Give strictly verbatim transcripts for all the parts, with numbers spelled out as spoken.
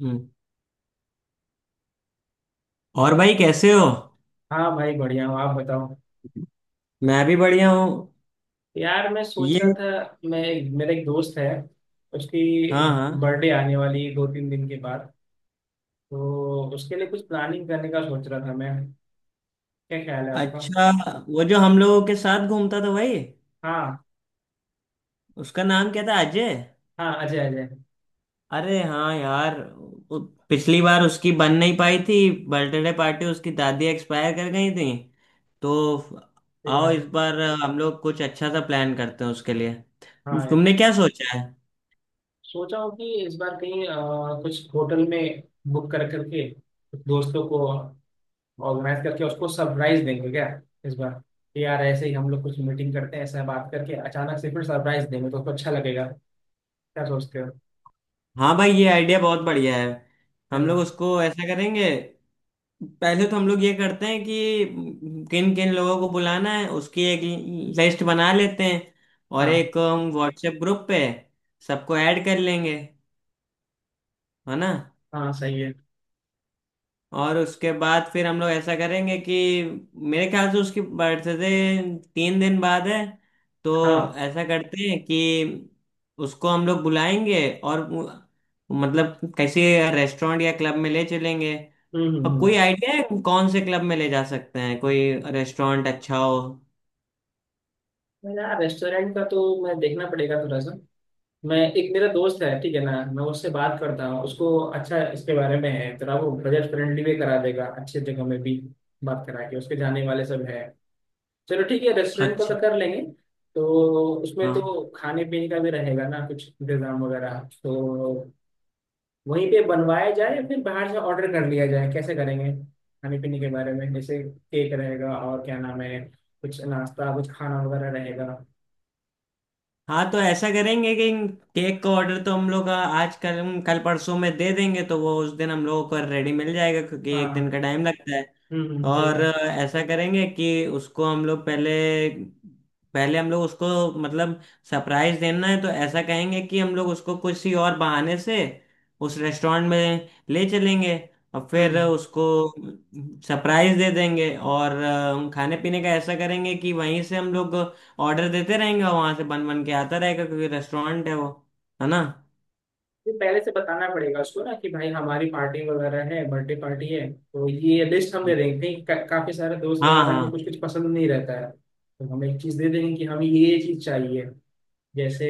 हम्म। और भाई कैसे हो। हाँ भाई, बढ़िया हूँ। आप बताओ। मैं भी बढ़िया हूँ। यार, मैं सोच रहा ये। था, मैं मेरा एक दोस्त है, उसकी हाँ, हाँ। बर्थडे आने वाली है दो तीन दिन के बाद, तो उसके लिए कुछ प्लानिंग करने का सोच रहा था मैं। क्या ख्याल है आपका? अच्छा, वो जो हम लोगों के साथ घूमता था भाई, हाँ उसका नाम क्या था, अजय। हाँ, अजय, अजय। अरे हाँ यार। उ- पिछली बार उसकी बन नहीं पाई थी बर्थडे पार्टी, उसकी दादी एक्सपायर कर गई थी तो। सही आओ, बात है। इस बार हम लोग कुछ अच्छा सा प्लान करते हैं उसके लिए। हाँ, तुमने क्या सोचा है? सोचा हूँ कि इस बार कहीं अ, कुछ होटल में बुक कर करके कुछ दोस्तों को ऑर्गेनाइज करके उसको सरप्राइज देंगे क्या इस बार, कि यार ऐसे ही हम लोग कुछ मीटिंग करते हैं ऐसा बात करके अचानक से फिर सरप्राइज देंगे तो उसको अच्छा लगेगा। क्या सोचते हो? हाँ भाई, ये आइडिया बहुत बढ़िया है। है हम लोग ना? उसको ऐसा करेंगे, पहले तो हम लोग ये करते हैं कि किन किन लोगों को बुलाना है उसकी एक लिस्ट बना लेते हैं। और हाँ। एक हम व्हाट्सएप ग्रुप पे सबको ऐड कर लेंगे, है ना। हाँ, सही है। और उसके बाद फिर हम लोग ऐसा करेंगे कि मेरे ख्याल से उसकी बर्थडे तीन दिन बाद है, तो हाँ। ऐसा करते हैं कि उसको हम लोग बुलाएंगे और वो- मतलब किसी रेस्टोरेंट या क्लब में ले चलेंगे। हम्म, हम्म, और कोई हम्म। आइडिया है कौन से क्लब में ले जा सकते हैं, कोई रेस्टोरेंट अच्छा हो। मेरा रेस्टोरेंट का तो, मैं देखना पड़ेगा थोड़ा सा। मैं एक, मेरा दोस्त है, ठीक है ना, मैं उससे बात करता हूँ, उसको अच्छा इसके बारे में है, थोड़ा वो बजट फ्रेंडली भी करा देगा अच्छी जगह में भी। बात करा के उसके जाने वाले सब है। चलो ठीक है, रेस्टोरेंट का अच्छा। तो कर लेंगे। तो उसमें तो खाने पीने का भी रहेगा ना कुछ इंतजाम वगैरह, तो वहीं पे बनवाया जाए या फिर बाहर से ऑर्डर कर लिया जाए, कैसे करेंगे? खाने पीने के बारे में, जैसे केक रहेगा और क्या नाम है, कुछ नाश्ता कुछ खाना वगैरह रहेगा। हाँ, तो ऐसा करेंगे कि केक का ऑर्डर तो हम लोग आज कल कल परसों में दे देंगे तो वो उस दिन हम लोगों को रेडी मिल जाएगा, क्योंकि एक दिन हाँ। का टाइम लगता है। हम्म हम्म, सही और बात। ऐसा करेंगे कि उसको हम लोग पहले, पहले हम लोग उसको मतलब सरप्राइज देना है, तो ऐसा कहेंगे कि हम लोग उसको किसी और बहाने से उस रेस्टोरेंट में ले चलेंगे और फिर हम्म। उसको सरप्राइज दे देंगे। और अ, खाने पीने का ऐसा करेंगे कि वहीं से हम लोग ऑर्डर देते रहेंगे, वहां से बन बन के आता रहेगा क्योंकि रेस्टोरेंट है वो, है ना। ये पहले से बताना पड़ेगा उसको ना, कि भाई हमारी पार्टी वगैरह है, बर्थडे पार्टी है, तो ये लिस्ट हम दे देंगे, कहीं का, काफी सारे दोस्त हाँ, वगैरह को हाँ, कुछ कुछ पसंद नहीं रहता है, तो हम एक चीज दे देंगे कि हमें ये चीज चाहिए, जैसे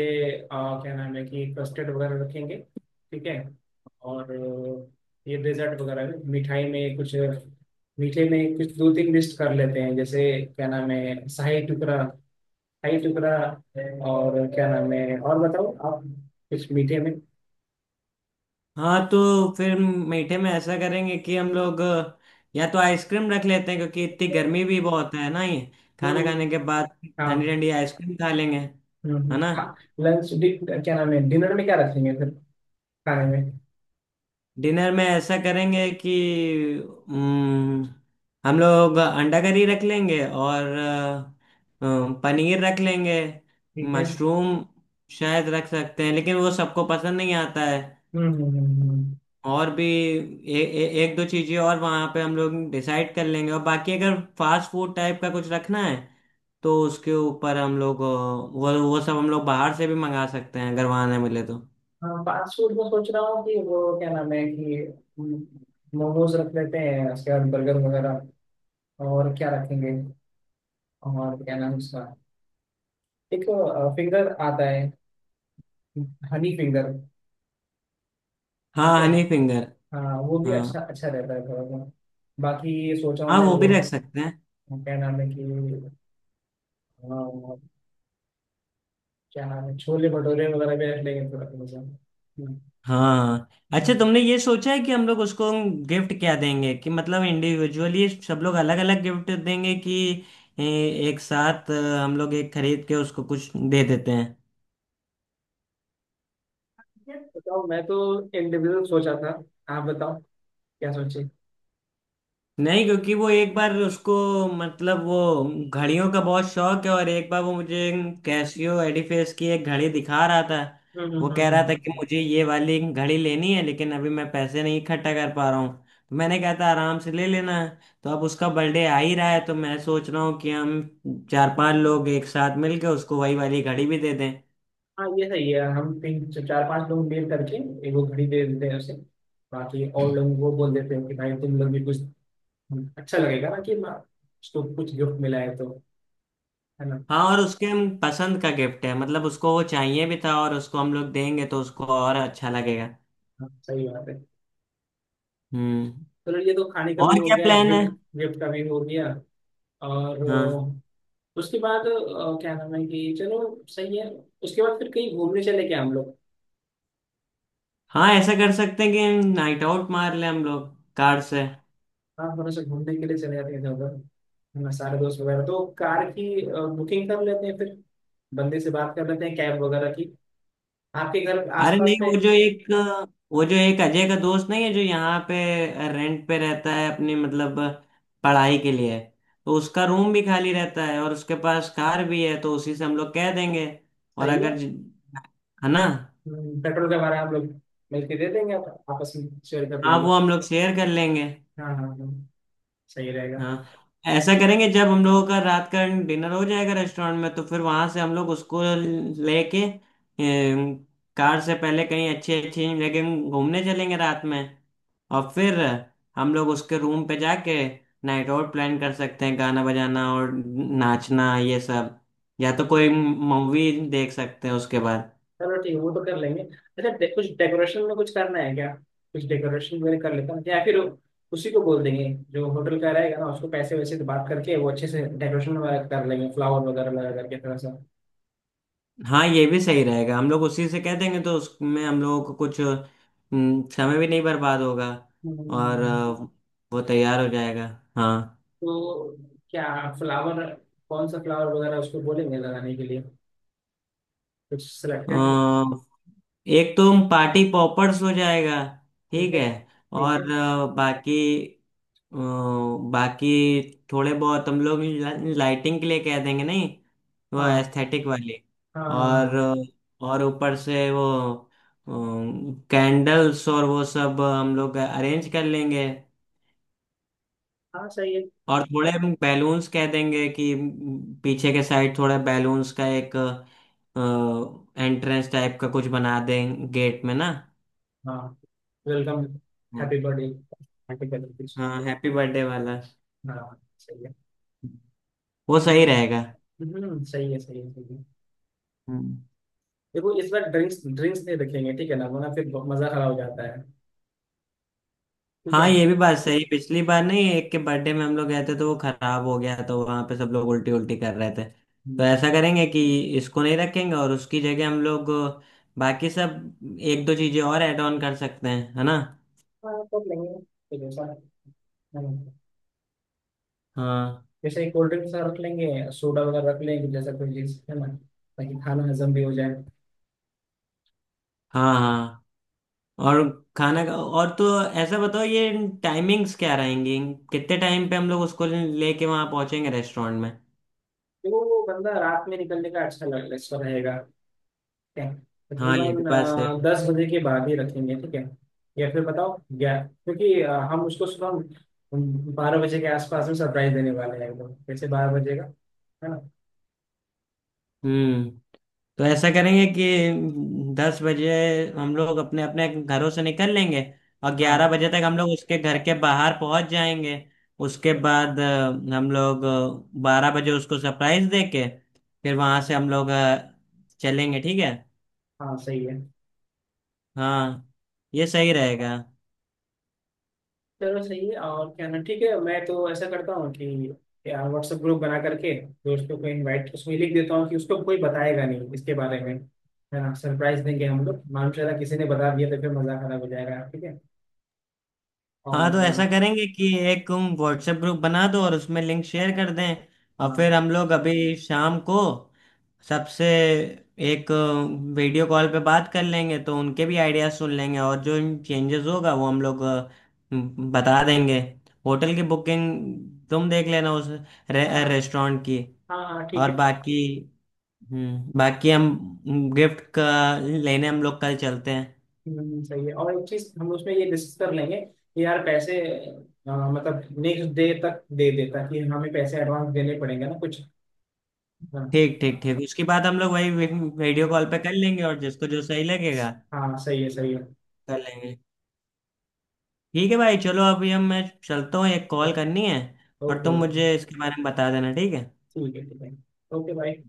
आ, क्या नाम है कि कस्टर्ड वगैरह रखेंगे, ठीक है। और अ, ये डेजर्ट वगैरह में, मिठाई में कुछ, मीठे में कुछ दो तीन लिस्ट कर लेते हैं, जैसे क्या नाम है, शाही टुकड़ा, शाही टुकड़ा, और क्या नाम है, और बताओ आप कुछ मीठे में। हाँ, तो फिर मीठे में ऐसा करेंगे कि हम लोग अ, या तो आइसक्रीम रख लेते हैं क्योंकि इतनी गर्मी भी बहुत है ना, ये खाना हम्म। खाने के बाद ठंडी हाँ। ठंडी आइसक्रीम खा लेंगे, हम्म है हम्म, ना। हाँ। लंच, क्या नाम है, डिनर में क्या रखेंगे फिर, खाने में? डिनर में ऐसा करेंगे कि हम्म, हम लोग अंडा करी रख लेंगे और अ, अ, पनीर रख लेंगे। ठीक है। मशरूम शायद रख सकते हैं, लेकिन वो सबको पसंद नहीं आता है। हम्म हम्म हम्म, हम्म। और भी ए, ए, एक दो चीज़ें और वहाँ पे हम लोग डिसाइड कर लेंगे। और बाकी अगर फास्ट फूड टाइप का कुछ रखना है तो उसके ऊपर हम लोग, अ, वो वो सब हम लोग बाहर से भी मंगा सकते हैं अगर वहाँ ना मिले तो। हाँ, फास्ट फूड में सोच रहा हूँ कि वो क्या नाम है कि हम्म, मोमोज रख लेते हैं, उसके बाद बर्गर वगैरह, और क्या रखेंगे, और क्या नाम है उसका, एक फिंगर आता है, हनी फिंगर। ठीक हाँ, है। Honey finger. हाँ, वो भी अच्छा हाँ अच्छा रहता है थोड़ा सा। बाकी सोच रहा हूँ हाँ, मैं, वो भी वो रख सकते हैं। क्या नाम है कि अ, क्या नाम है, छोले भटूरे वगैरह भी रख लेंगे थोड़ा थोड़ा सा। हम्म। हाँ, अच्छा, तुमने ये सोचा है कि हम लोग उसको गिफ्ट क्या देंगे? कि मतलब इंडिविजुअली सब लोग अलग अलग गिफ्ट देंगे कि ए, एक साथ अ, हम लोग एक खरीद के उसको कुछ दे देते हैं। बताओ, मैं तो इंडिविजुअल सोचा था, आप बताओ क्या सोचे। नहीं, क्योंकि वो एक बार उसको मतलब वो घड़ियों का बहुत शौक है और एक बार वो मुझे कैसियो एडिफेस की एक घड़ी दिखा रहा था। हम्म, हम्म, वो कह रहा हम्म, था कि हम्म। मुझे ये वाली घड़ी लेनी है लेकिन अभी मैं पैसे नहीं इकट्ठा कर पा रहा हूँ। तो मैंने कहा था आराम से ले लेना। तो अब उसका बर्थडे आ ही रहा है तो मैं सोच रहा हूँ कि हम चार पांच लोग एक साथ मिलकर उसको वही वाली घड़ी भी दे दें। हाँ, ये सही है, हम तीन चार पांच लोग मिल करके एक वो घड़ी दे देते हैं उसे, बाकी और लोगों को बोल देते हैं कि भाई तुम लोग भी कुछ। अच्छा लगेगा ना कि माँ उसको कुछ गिफ्ट मिला है तो, है ना? हाँ, और उसके हम पसंद का गिफ्ट है, मतलब उसको वो चाहिए भी था, और उसको हम लोग देंगे तो उसको और अच्छा लगेगा। हाँ, सही बात है। हम्म। चलो, ये तो खाने का भी और हो क्या गया, प्लान है? गिफ्ट, गिफ्ट का भी हो गया। और हाँ, अ, उसके बाद अ, क्या नाम है कि चलो, सही है। उसके बाद फिर कहीं घूमने चले क्या हम लोग? हाँ ऐसा कर सकते हैं कि नाइट आउट मार ले हम लोग, कार से। हाँ, थोड़ा सा घूमने के लिए चले जाते हैं इधर उधर, है ना, सारे दोस्त वगैरह तो कार की बुकिंग कर लेते हैं फिर, बंदे से बात कर लेते हैं कैब वगैरह की, आपके घर अरे नहीं, आसपास पे। वो जो एक, वो जो एक अजय का दोस्त नहीं है जो यहाँ पे रेंट पे रहता है अपनी मतलब पढ़ाई के लिए, तो उसका रूम भी खाली रहता है और उसके पास कार भी है, तो उसी से हम लोग कह देंगे। और सही है। अगर, है ना। हम्म, पेट्रोल का भाड़ा हम लोग मिलके दे देंगे, आप, आपस में शेयर कर हाँ लेंगे। वो हम लोग शेयर कर लेंगे। हाँ हाँ हाँ, सही रहेगा। हाँ, ऐसा करेंगे जब हम लोगों का रात का डिनर हो जाएगा रेस्टोरेंट में तो फिर वहां से हम लोग उसको लेके अम, कार से पहले कहीं अच्छी अच्छी जगह घूमने चलेंगे रात में। और फिर हम लोग उसके रूम पे जाके नाइट आउट प्लान कर सकते हैं, गाना बजाना और नाचना ये सब। या तो कोई मूवी देख सकते हैं उसके बाद। चलो ठीक है, वो तो कर लेंगे। अच्छा, डे, कुछ डेकोरेशन में कुछ करना है क्या? कुछ डेकोरेशन वगैरह कर लेता हूँ, या फिर उसी को बोल देंगे जो होटल का रहेगा ना, उसको पैसे वैसे तो बात करके, वो अच्छे से डेकोरेशन वगैरह कर लेंगे, फ्लावर वगैरह लगा करके थोड़ा सा। हाँ, ये भी सही रहेगा, हम लोग उसी से कह देंगे तो उसमें हम लोगों को कुछ हम्म, समय भी नहीं बर्बाद होगा। और हम्म, अ, वो तैयार हो जाएगा। हाँ। तो क्या, फ्लावर, कौन सा फ्लावर वगैरह उसको बोलेंगे लगाने के लिए, कुछ अ, सिलेक्टेड? एक तो पार्टी पॉपर्स हो जाएगा। ठीक ठीक है, है। ठीक है। और अ, बाकी, अ, बाकी थोड़े बहुत हम लोग लाइटिंग के लिए कह देंगे, नहीं, वो हाँ। एस्थेटिक वाली। हाँ हाँ और हाँ। अ, और ऊपर से वो कैंडल्स और वो सब हम लोग अरेंज कर लेंगे। हाँ सही है। और थोड़े हम बैलून्स कह देंगे कि पीछे के साइड थोड़ा बैलून्स का एक एंट्रेंस टाइप का कुछ बना दें गेट में ना। हाँ, वेलकम, हाँ, हैप्पी बर्थडे आर्टिकल। हाँ हैप्पी बर्थडे वाला, हाँ, सही है। वो सही अम, रहेगा। हम्म, सही है, सही है, सही है। हम्म। देखो, इस बार ड्रिंक्स, ड्रिंक्स नहीं रखेंगे, ठीक है ना, वरना फिर बहुत मजा खराब हो जाता है। ठीक हाँ ये है। भी बात सही, पिछली बार नहीं एक के बर्थडे में हम लोग गए थे तो वो खराब हो गया, तो वहां पे सब लोग उल्टी उल्टी कर रहे थे। तो ऐसा हम्म, करेंगे कि इसको नहीं रखेंगे और उसकी जगह हम लोग बाकी सब एक दो चीजें और ऐड ऑन कर सकते हैं, है ना। हाँ कर लेंगे तो जैसा। हम्म, हाँ, जैसे कोल्ड ड्रिंक्स रख लेंगे, सोडा वगैरह रख लेंगे, जैसा कोई चीज है ना, ताकि खाना हजम भी हो जाए। हाँ, हाँ। और खाना का और तो, ऐसा बताओ ये टाइमिंग्स क्या रहेंगी? कितने टाइम पे हम लोग उसको लेके वहां पहुंचेंगे रेस्टोरेंट में? देखो वो बंदा रात में निकलने का अच्छा लग- अच्छा रहेगा है। हाँ ये भी तकरीबन बात अ, सही है। दस बजे के बाद ही रखेंगे, ठीक है। या फिर बताओ ग्यारह, क्योंकि अ, हम उसको सुबह बारह बजे के आसपास में सरप्राइज देने वाले हैं, एकदम जैसे बारह बजे का, है ना? हम्म। तो ऐसा करेंगे कि दस बजे हम लोग अपने अपने घरों से निकल लेंगे, और ग्यारह हाँ बजे तक हम लोग उसके घर के बाहर पहुंच जाएंगे। उसके बाद अ, हम लोग बारह बजे उसको सरप्राइज देके फिर वहां से हम लोग अ, चलेंगे, ठीक है। हाँ सही है। हाँ ये सही रहेगा। चलो सही है, और क्या ना, ठीक है, मैं तो ऐसा करता हूँ कि व्हाट्सएप ग्रुप बना करके दोस्तों को इनवाइट उसमें लिख देता हूँ कि उसको कोई बताएगा नहीं इसके बारे में, है ना, सरप्राइज देंगे हम लोग, मालूम चला किसी ने बता दिया तो फिर मजा खराब हो जाएगा, ठीक है। हाँ, तो और अ, ऐसा करेंगे कि एक तुम व्हाट्सएप ग्रुप बना दो और उसमें लिंक शेयर कर दें। और हाँ। फिर हम लोग अभी शाम को सबसे एक वीडियो कॉल पे बात कर लेंगे, तो उनके भी आइडियाज सुन लेंगे, और जो चेंजेस होगा वो हम लोग अ, बता देंगे। होटल की बुकिंग तुम देख लेना, उस हाँ रे, रेस्टोरेंट की। हाँ हाँ, ठीक और है। बाकी, हम्म, बाकी हम गिफ्ट का लेने हम लोग कल चलते हैं। हम्म, सही है, और एक चीज हम उसमें ये डिस्कस कर लेंगे कि यार पैसे अ, मतलब नेक्स्ट डे तक दे देता कि हमें पैसे एडवांस देने पड़ेंगे ना कुछ। हाँ। ठीक, ठीक, ठीक, उसके बाद हम लोग वही वीडियो कॉल पे कर लेंगे और जिसको जो सही लगेगा हाँ सही है, सही है। कर लेंगे। ठीक है भाई, चलो अभी हम, मैं चलता हूँ, एक तो कॉल करनी है। और ओके, तुम ओके। मुझे इसके बारे में बता देना, ठीक है। ठीक है, ठीक है। ओके भाई।